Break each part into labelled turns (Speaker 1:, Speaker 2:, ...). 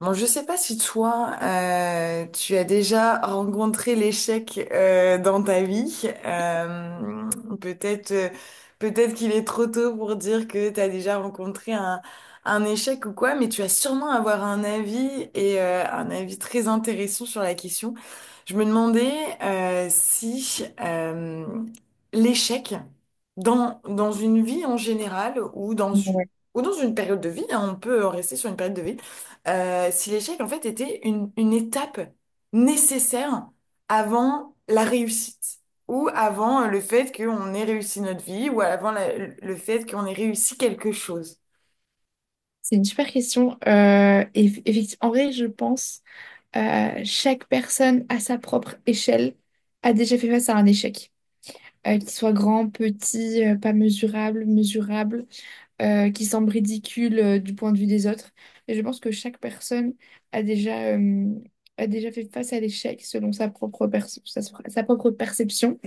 Speaker 1: Bon, je sais pas si toi, tu as déjà rencontré l'échec dans ta vie. Euh, peut-être, euh, peut-être qu'il est trop tôt pour dire que tu as déjà rencontré un échec ou quoi, mais tu vas sûrement avoir un avis et un avis très intéressant sur la question. Je me demandais si l'échec dans une vie en général
Speaker 2: Ouais.
Speaker 1: ou dans une période de vie, hein, on peut rester sur une période de vie si l'échec, en fait, était une étape nécessaire avant la réussite, ou avant le fait qu'on ait réussi notre vie, ou avant le fait qu'on ait réussi quelque chose.
Speaker 2: C'est une super question. En vrai, je pense chaque personne à sa propre échelle a déjà fait face à un échec. Qu'il soit grand, petit, pas mesurable, mesurable, qui semble ridicule du point de vue des autres. Et je pense que chaque personne a déjà, euh, a déjà fait face à l'échec selon sa propre perception.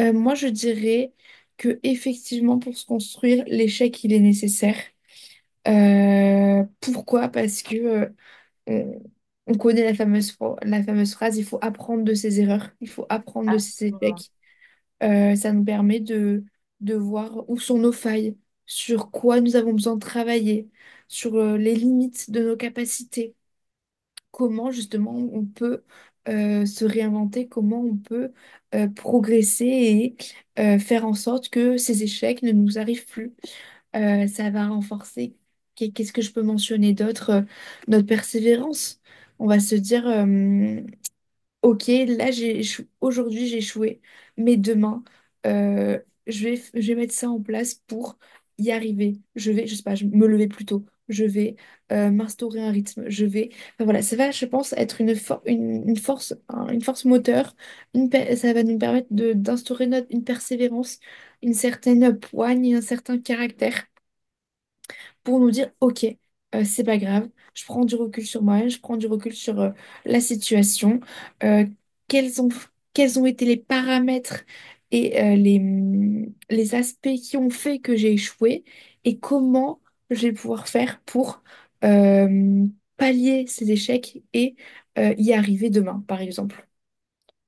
Speaker 2: Moi, je dirais que effectivement, pour se construire, l'échec, il est nécessaire. Pourquoi? Parce que euh, on, on connaît la la fameuse phrase: il faut apprendre de ses erreurs, il faut apprendre de ses
Speaker 1: Absolument.
Speaker 2: échecs. Ça nous permet de voir où sont nos failles, sur quoi nous avons besoin de travailler, sur les limites de nos capacités, comment justement on peut se réinventer, comment on peut progresser et faire en sorte que ces échecs ne nous arrivent plus. Ça va renforcer. Qu'est-ce que je peux mentionner d'autre? Notre persévérance. On va se dire, ok, là, aujourd'hui, j'ai échoué, mais demain, euh, je vais mettre ça en place pour y arriver. Je vais, je sais pas, me lever plus tôt. Je vais m'instaurer un rythme. Je vais. Enfin, voilà, ça va, je pense, être une force, une force moteur. Ça va nous permettre d'instaurer une persévérance, une certaine poigne, et un certain caractère pour nous dire, OK, c'est pas grave, je prends du recul sur moi, je prends du recul sur la situation, euh, quels ont, quels ont été les paramètres et les aspects qui ont fait que j'ai échoué et comment je vais pouvoir faire pour euh, pallier ces échecs et y arriver demain, par exemple.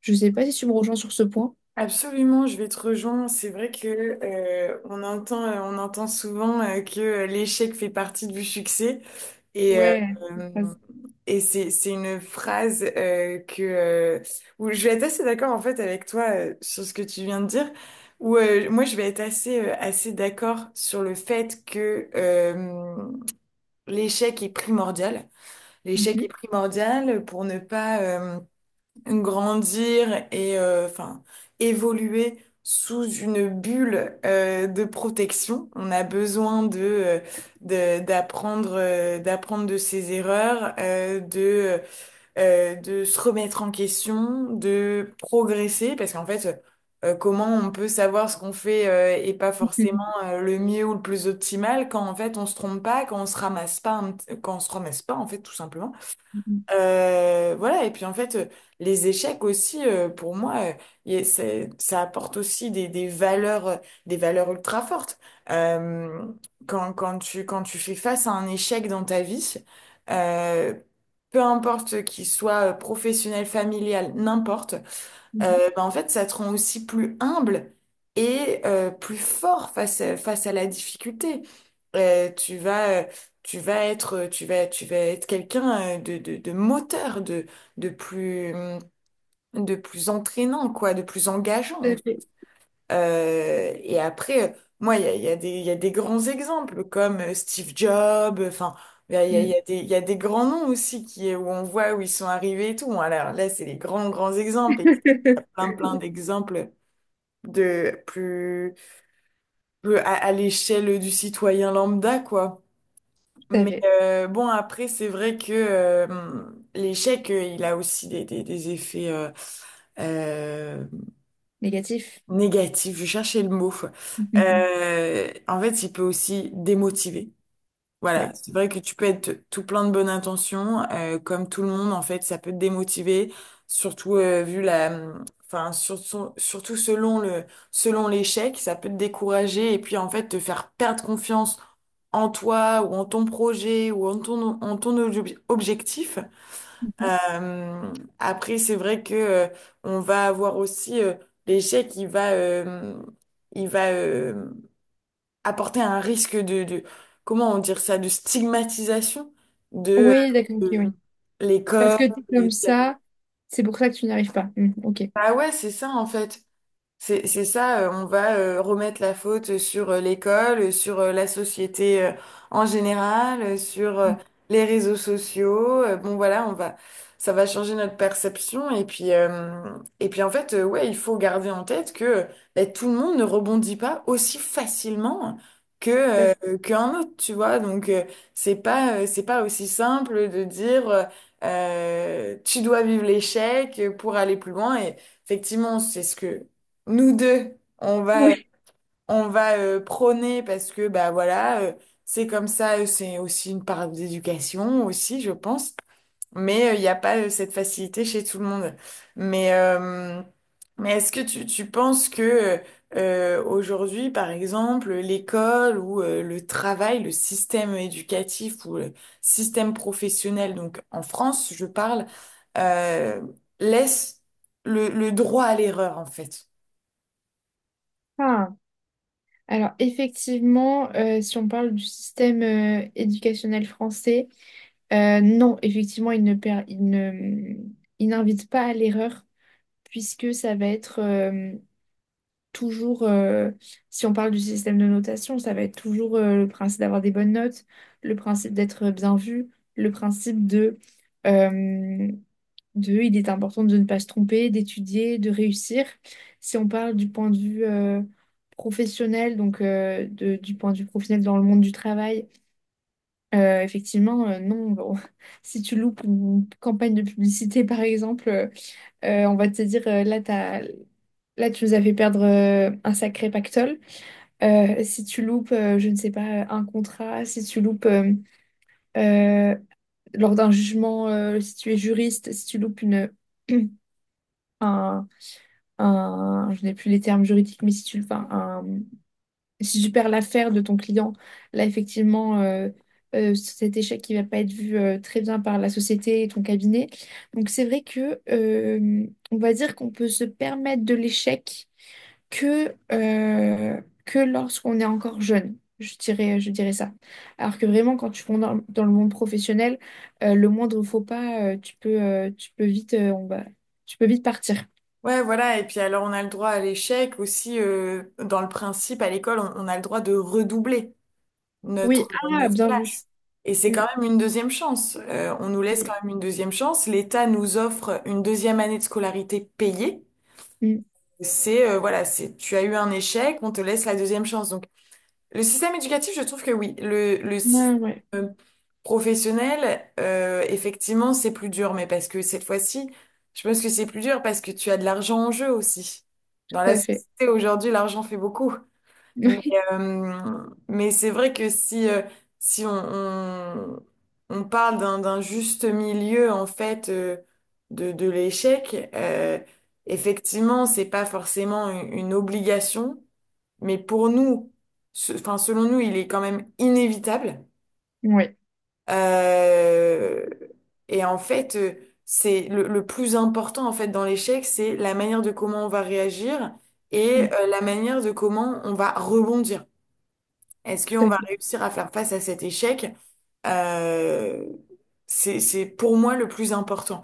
Speaker 2: Je sais pas si tu me rejoins sur ce point.
Speaker 1: Absolument, je vais te rejoindre. C'est vrai que on entend souvent que l'échec fait partie du succès. Et, euh,
Speaker 2: Ouais.
Speaker 1: et c'est une phrase où je vais être assez d'accord en fait avec toi sur ce que tu viens de dire, où moi je vais être assez d'accord sur le fait que l'échec est primordial. L'échec
Speaker 2: Mhm.
Speaker 1: est primordial pour ne pas... grandir et enfin évoluer sous une bulle de protection. On a besoin de d'apprendre d'apprendre de ses erreurs, de se remettre en question, de progresser parce qu'en fait comment on peut savoir ce qu'on fait et pas forcément le mieux ou le plus optimal quand en fait on se trompe pas, quand on se ramasse pas un quand on se ramasse pas en fait tout simplement.
Speaker 2: Mhm.
Speaker 1: Voilà, et puis en fait, les échecs aussi, pour moi, ça apporte aussi des valeurs ultra fortes. Euh, quand tu fais face à un échec dans ta vie, euh, peu importe qu'il soit professionnel, familial, n'importe,
Speaker 2: Mhm.
Speaker 1: ben, en fait, ça te rend aussi plus humble et plus fort face face à la difficulté. Euh, tu vas, euh, tu vas être quelqu'un de moteur, de plus, hum, de plus entraînant, quoi, de plus
Speaker 2: Tout
Speaker 1: engageant.
Speaker 2: à fait.
Speaker 1: Et après, moi, il y a des grands exemples comme Steve Jobs, enfin. Il y
Speaker 2: Mhm.
Speaker 1: a il y a des grands noms aussi qui, où on voit où ils sont arrivés et tout. Alors là, c'est les grands exemples. Et il y a plein d'exemples de plus, plus à l'échelle du citoyen lambda, quoi.
Speaker 2: Tout à
Speaker 1: Mais
Speaker 2: fait.
Speaker 1: bon, après, c'est vrai que l'échec, il a aussi des effets euh,
Speaker 2: Négatif.
Speaker 1: négatifs. Je cherchais le mot. En fait, il peut aussi démotiver. Voilà,
Speaker 2: Oui.
Speaker 1: c'est vrai que tu peux être tout plein de bonnes intentions, comme tout le monde en fait, ça peut te démotiver, surtout vu la, enfin sur- sur- surtout selon selon l'échec, ça peut te décourager et puis en fait te faire perdre confiance en toi ou en ton projet ou en ton objectif.
Speaker 2: Mhm.
Speaker 1: Euh, Après, c'est vrai que on va avoir aussi l'échec, il va apporter un risque de comment on dire ça, de stigmatisation de,
Speaker 2: Oui, d'accord, ok,
Speaker 1: euh,
Speaker 2: oui.
Speaker 1: de
Speaker 2: Parce
Speaker 1: l'école.
Speaker 2: que t'es comme
Speaker 1: et-
Speaker 2: ça, c'est pour ça que tu n'y arrives pas. Hmm, ok.
Speaker 1: Bah ouais, c'est ça en fait. C'est ça, on va remettre la faute sur l'école, sur la société en général, sur les réseaux sociaux. Bon voilà, ça va changer notre perception. Et puis en fait, ouais, il faut garder en tête que ben, tout le monde ne rebondit pas aussi facilement que
Speaker 2: Ouais.
Speaker 1: qu'un autre, tu vois. Donc c'est pas aussi simple de dire tu dois vivre l'échec pour aller plus loin. Et effectivement, c'est ce que nous deux,
Speaker 2: Oui.
Speaker 1: on va prôner parce que bah voilà, c'est comme ça, c'est aussi une part d'éducation aussi, je pense. Mais il n'y a pas cette facilité chez tout le monde. Mais, euh, mais est-ce que tu penses que aujourd'hui, par exemple, l'école ou le travail, le système éducatif ou le système professionnel, donc en France, je parle, euh, laisse le droit à l'erreur en fait?
Speaker 2: Ah. Alors, effectivement, si on parle du système éducationnel français, non, effectivement, il ne, per- il ne, il n'invite pas à l'erreur, puisque ça va être, toujours, si on parle du système de notation, ça va être toujours le principe d'avoir des bonnes notes, le principe d'être bien vu, le principe euh, de il est important de ne pas se tromper, d'étudier, de réussir. Si on parle du point de vue professionnel, donc du point de vue professionnel dans le monde du travail, effectivement, non, bon, si tu loupes une campagne de publicité, par exemple, on va te dire, là, tu nous as fait perdre un sacré pactole. Si tu loupes, je ne sais pas, un contrat, si tu loupes euh, lors d'un jugement, si tu es juriste, si tu loupes un, je n'ai plus les termes juridiques, mais si tu perds l'affaire de ton client, là, effectivement, cet échec qui va pas être vu très bien par la société et ton cabinet. Donc, c'est vrai que, on va dire qu'on peut se permettre de l'échec que lorsqu'on est encore jeune, je dirais ça. Alors que vraiment, quand tu vas dans le monde professionnel, le moindre faux pas, tu peux vite, tu peux vite partir.
Speaker 1: Ouais, voilà. Et puis alors, on a le droit à l'échec aussi. Dans le principe, à l'école, on a le droit de redoubler
Speaker 2: Oui, ah,
Speaker 1: notre
Speaker 2: bien vu.
Speaker 1: classe. Et c'est
Speaker 2: Mm,
Speaker 1: quand même une deuxième chance. On nous laisse quand
Speaker 2: oui,
Speaker 1: même une deuxième chance. L'État nous offre une deuxième année de scolarité payée.
Speaker 2: mm.
Speaker 1: Voilà, c'est, tu as eu un échec, on te laisse la deuxième chance. Donc, le système éducatif, je trouve que oui. Le
Speaker 2: Ah, ouais,
Speaker 1: système professionnel, effectivement, c'est plus dur, mais parce que cette fois-ci, je pense que c'est plus dur parce que tu as de l'argent en jeu aussi. Dans
Speaker 2: tout
Speaker 1: la
Speaker 2: à fait.
Speaker 1: société aujourd'hui, l'argent fait beaucoup. Mais, euh, mais c'est vrai que si on parle d'un juste milieu, en fait, de l'échec, effectivement, c'est pas forcément une obligation mais pour nous, enfin, selon nous, il est quand même inévitable.
Speaker 2: Oui, ouais,
Speaker 1: Euh, et en fait, euh, c'est le plus important en fait dans l'échec, c'est la manière de comment on va réagir
Speaker 2: mm,
Speaker 1: et la manière de comment on va rebondir. Est-ce
Speaker 2: tout
Speaker 1: qu'on
Speaker 2: à
Speaker 1: va
Speaker 2: fait,
Speaker 1: réussir à faire face à cet échec? Euh, c'est pour moi le plus important.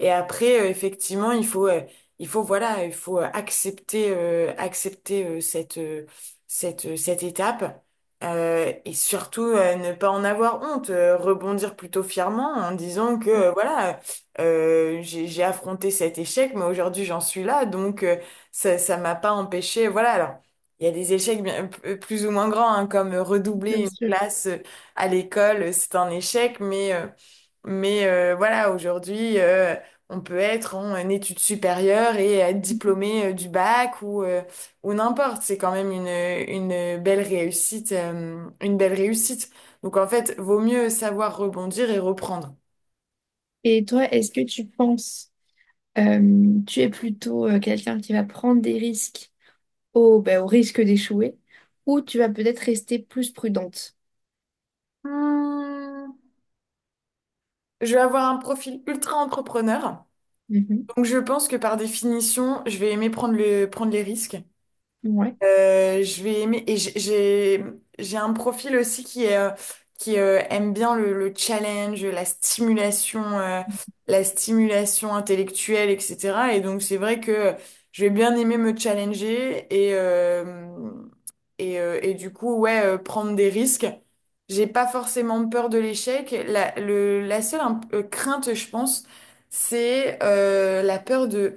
Speaker 1: Et après, effectivement, il faut, voilà, il faut accepter, accepter cette étape. Et surtout ne pas en avoir honte, rebondir plutôt fièrement en disant que voilà, j'ai affronté cet échec, mais aujourd'hui j'en suis là, donc ça m'a pas empêché. Voilà, alors. Il y a des échecs bien, plus ou moins grands, hein, comme redoubler
Speaker 2: bien
Speaker 1: une
Speaker 2: sûr.
Speaker 1: classe à l'école, c'est un échec, mais voilà, aujourd'hui, on peut être en études supérieures et être diplômé du bac ou n'importe. C'est quand même une belle réussite, une belle réussite. Donc en fait, vaut mieux savoir rebondir et reprendre.
Speaker 2: Et toi, est-ce que tu penses, tu es plutôt quelqu'un qui va prendre des risques au, bah au risque d'échouer, ou tu vas peut-être rester plus prudente?
Speaker 1: Hmm, Je vais avoir un profil ultra entrepreneur. Donc je pense que par définition, je vais aimer prendre prendre les risques.
Speaker 2: Ouais,
Speaker 1: Je vais aimer et j'ai un profil aussi qui est, qui aime bien le challenge, la stimulation intellectuelle, etc. Et donc c'est vrai que je vais bien aimer me challenger et et du coup, ouais, prendre des risques. J'ai pas forcément peur de l'échec. La seule crainte, je pense, c'est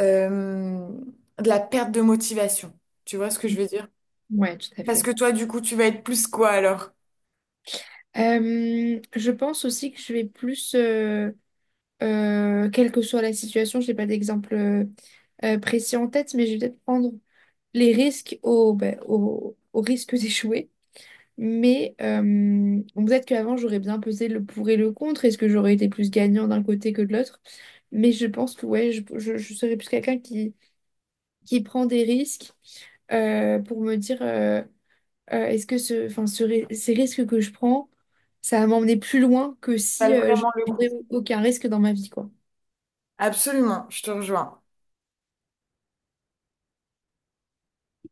Speaker 1: euh, de la perte de motivation. Tu vois ce que je veux dire?
Speaker 2: ouais, tout à
Speaker 1: Parce
Speaker 2: fait.
Speaker 1: que toi, du coup, tu vas être plus quoi alors?
Speaker 2: Je pense aussi que je vais plus, quelle que soit la situation, j'ai pas d'exemple précis en tête, mais je vais peut-être prendre les risques au risque d'échouer. Mais bon, peut-être qu'avant, j'aurais bien pesé le pour et le contre. Est-ce que j'aurais été plus gagnant d'un côté que de l'autre? Mais je pense que ouais, je serais plus quelqu'un qui prend des risques pour me dire. Euh, est-ce que ce, enfin, ce ri- ces risques que je prends, ça va m'emmener plus loin que
Speaker 1: Ça
Speaker 2: si
Speaker 1: Vale
Speaker 2: je
Speaker 1: vraiment le coup.
Speaker 2: ne aucun risque dans ma vie, quoi.
Speaker 1: Absolument, je te rejoins.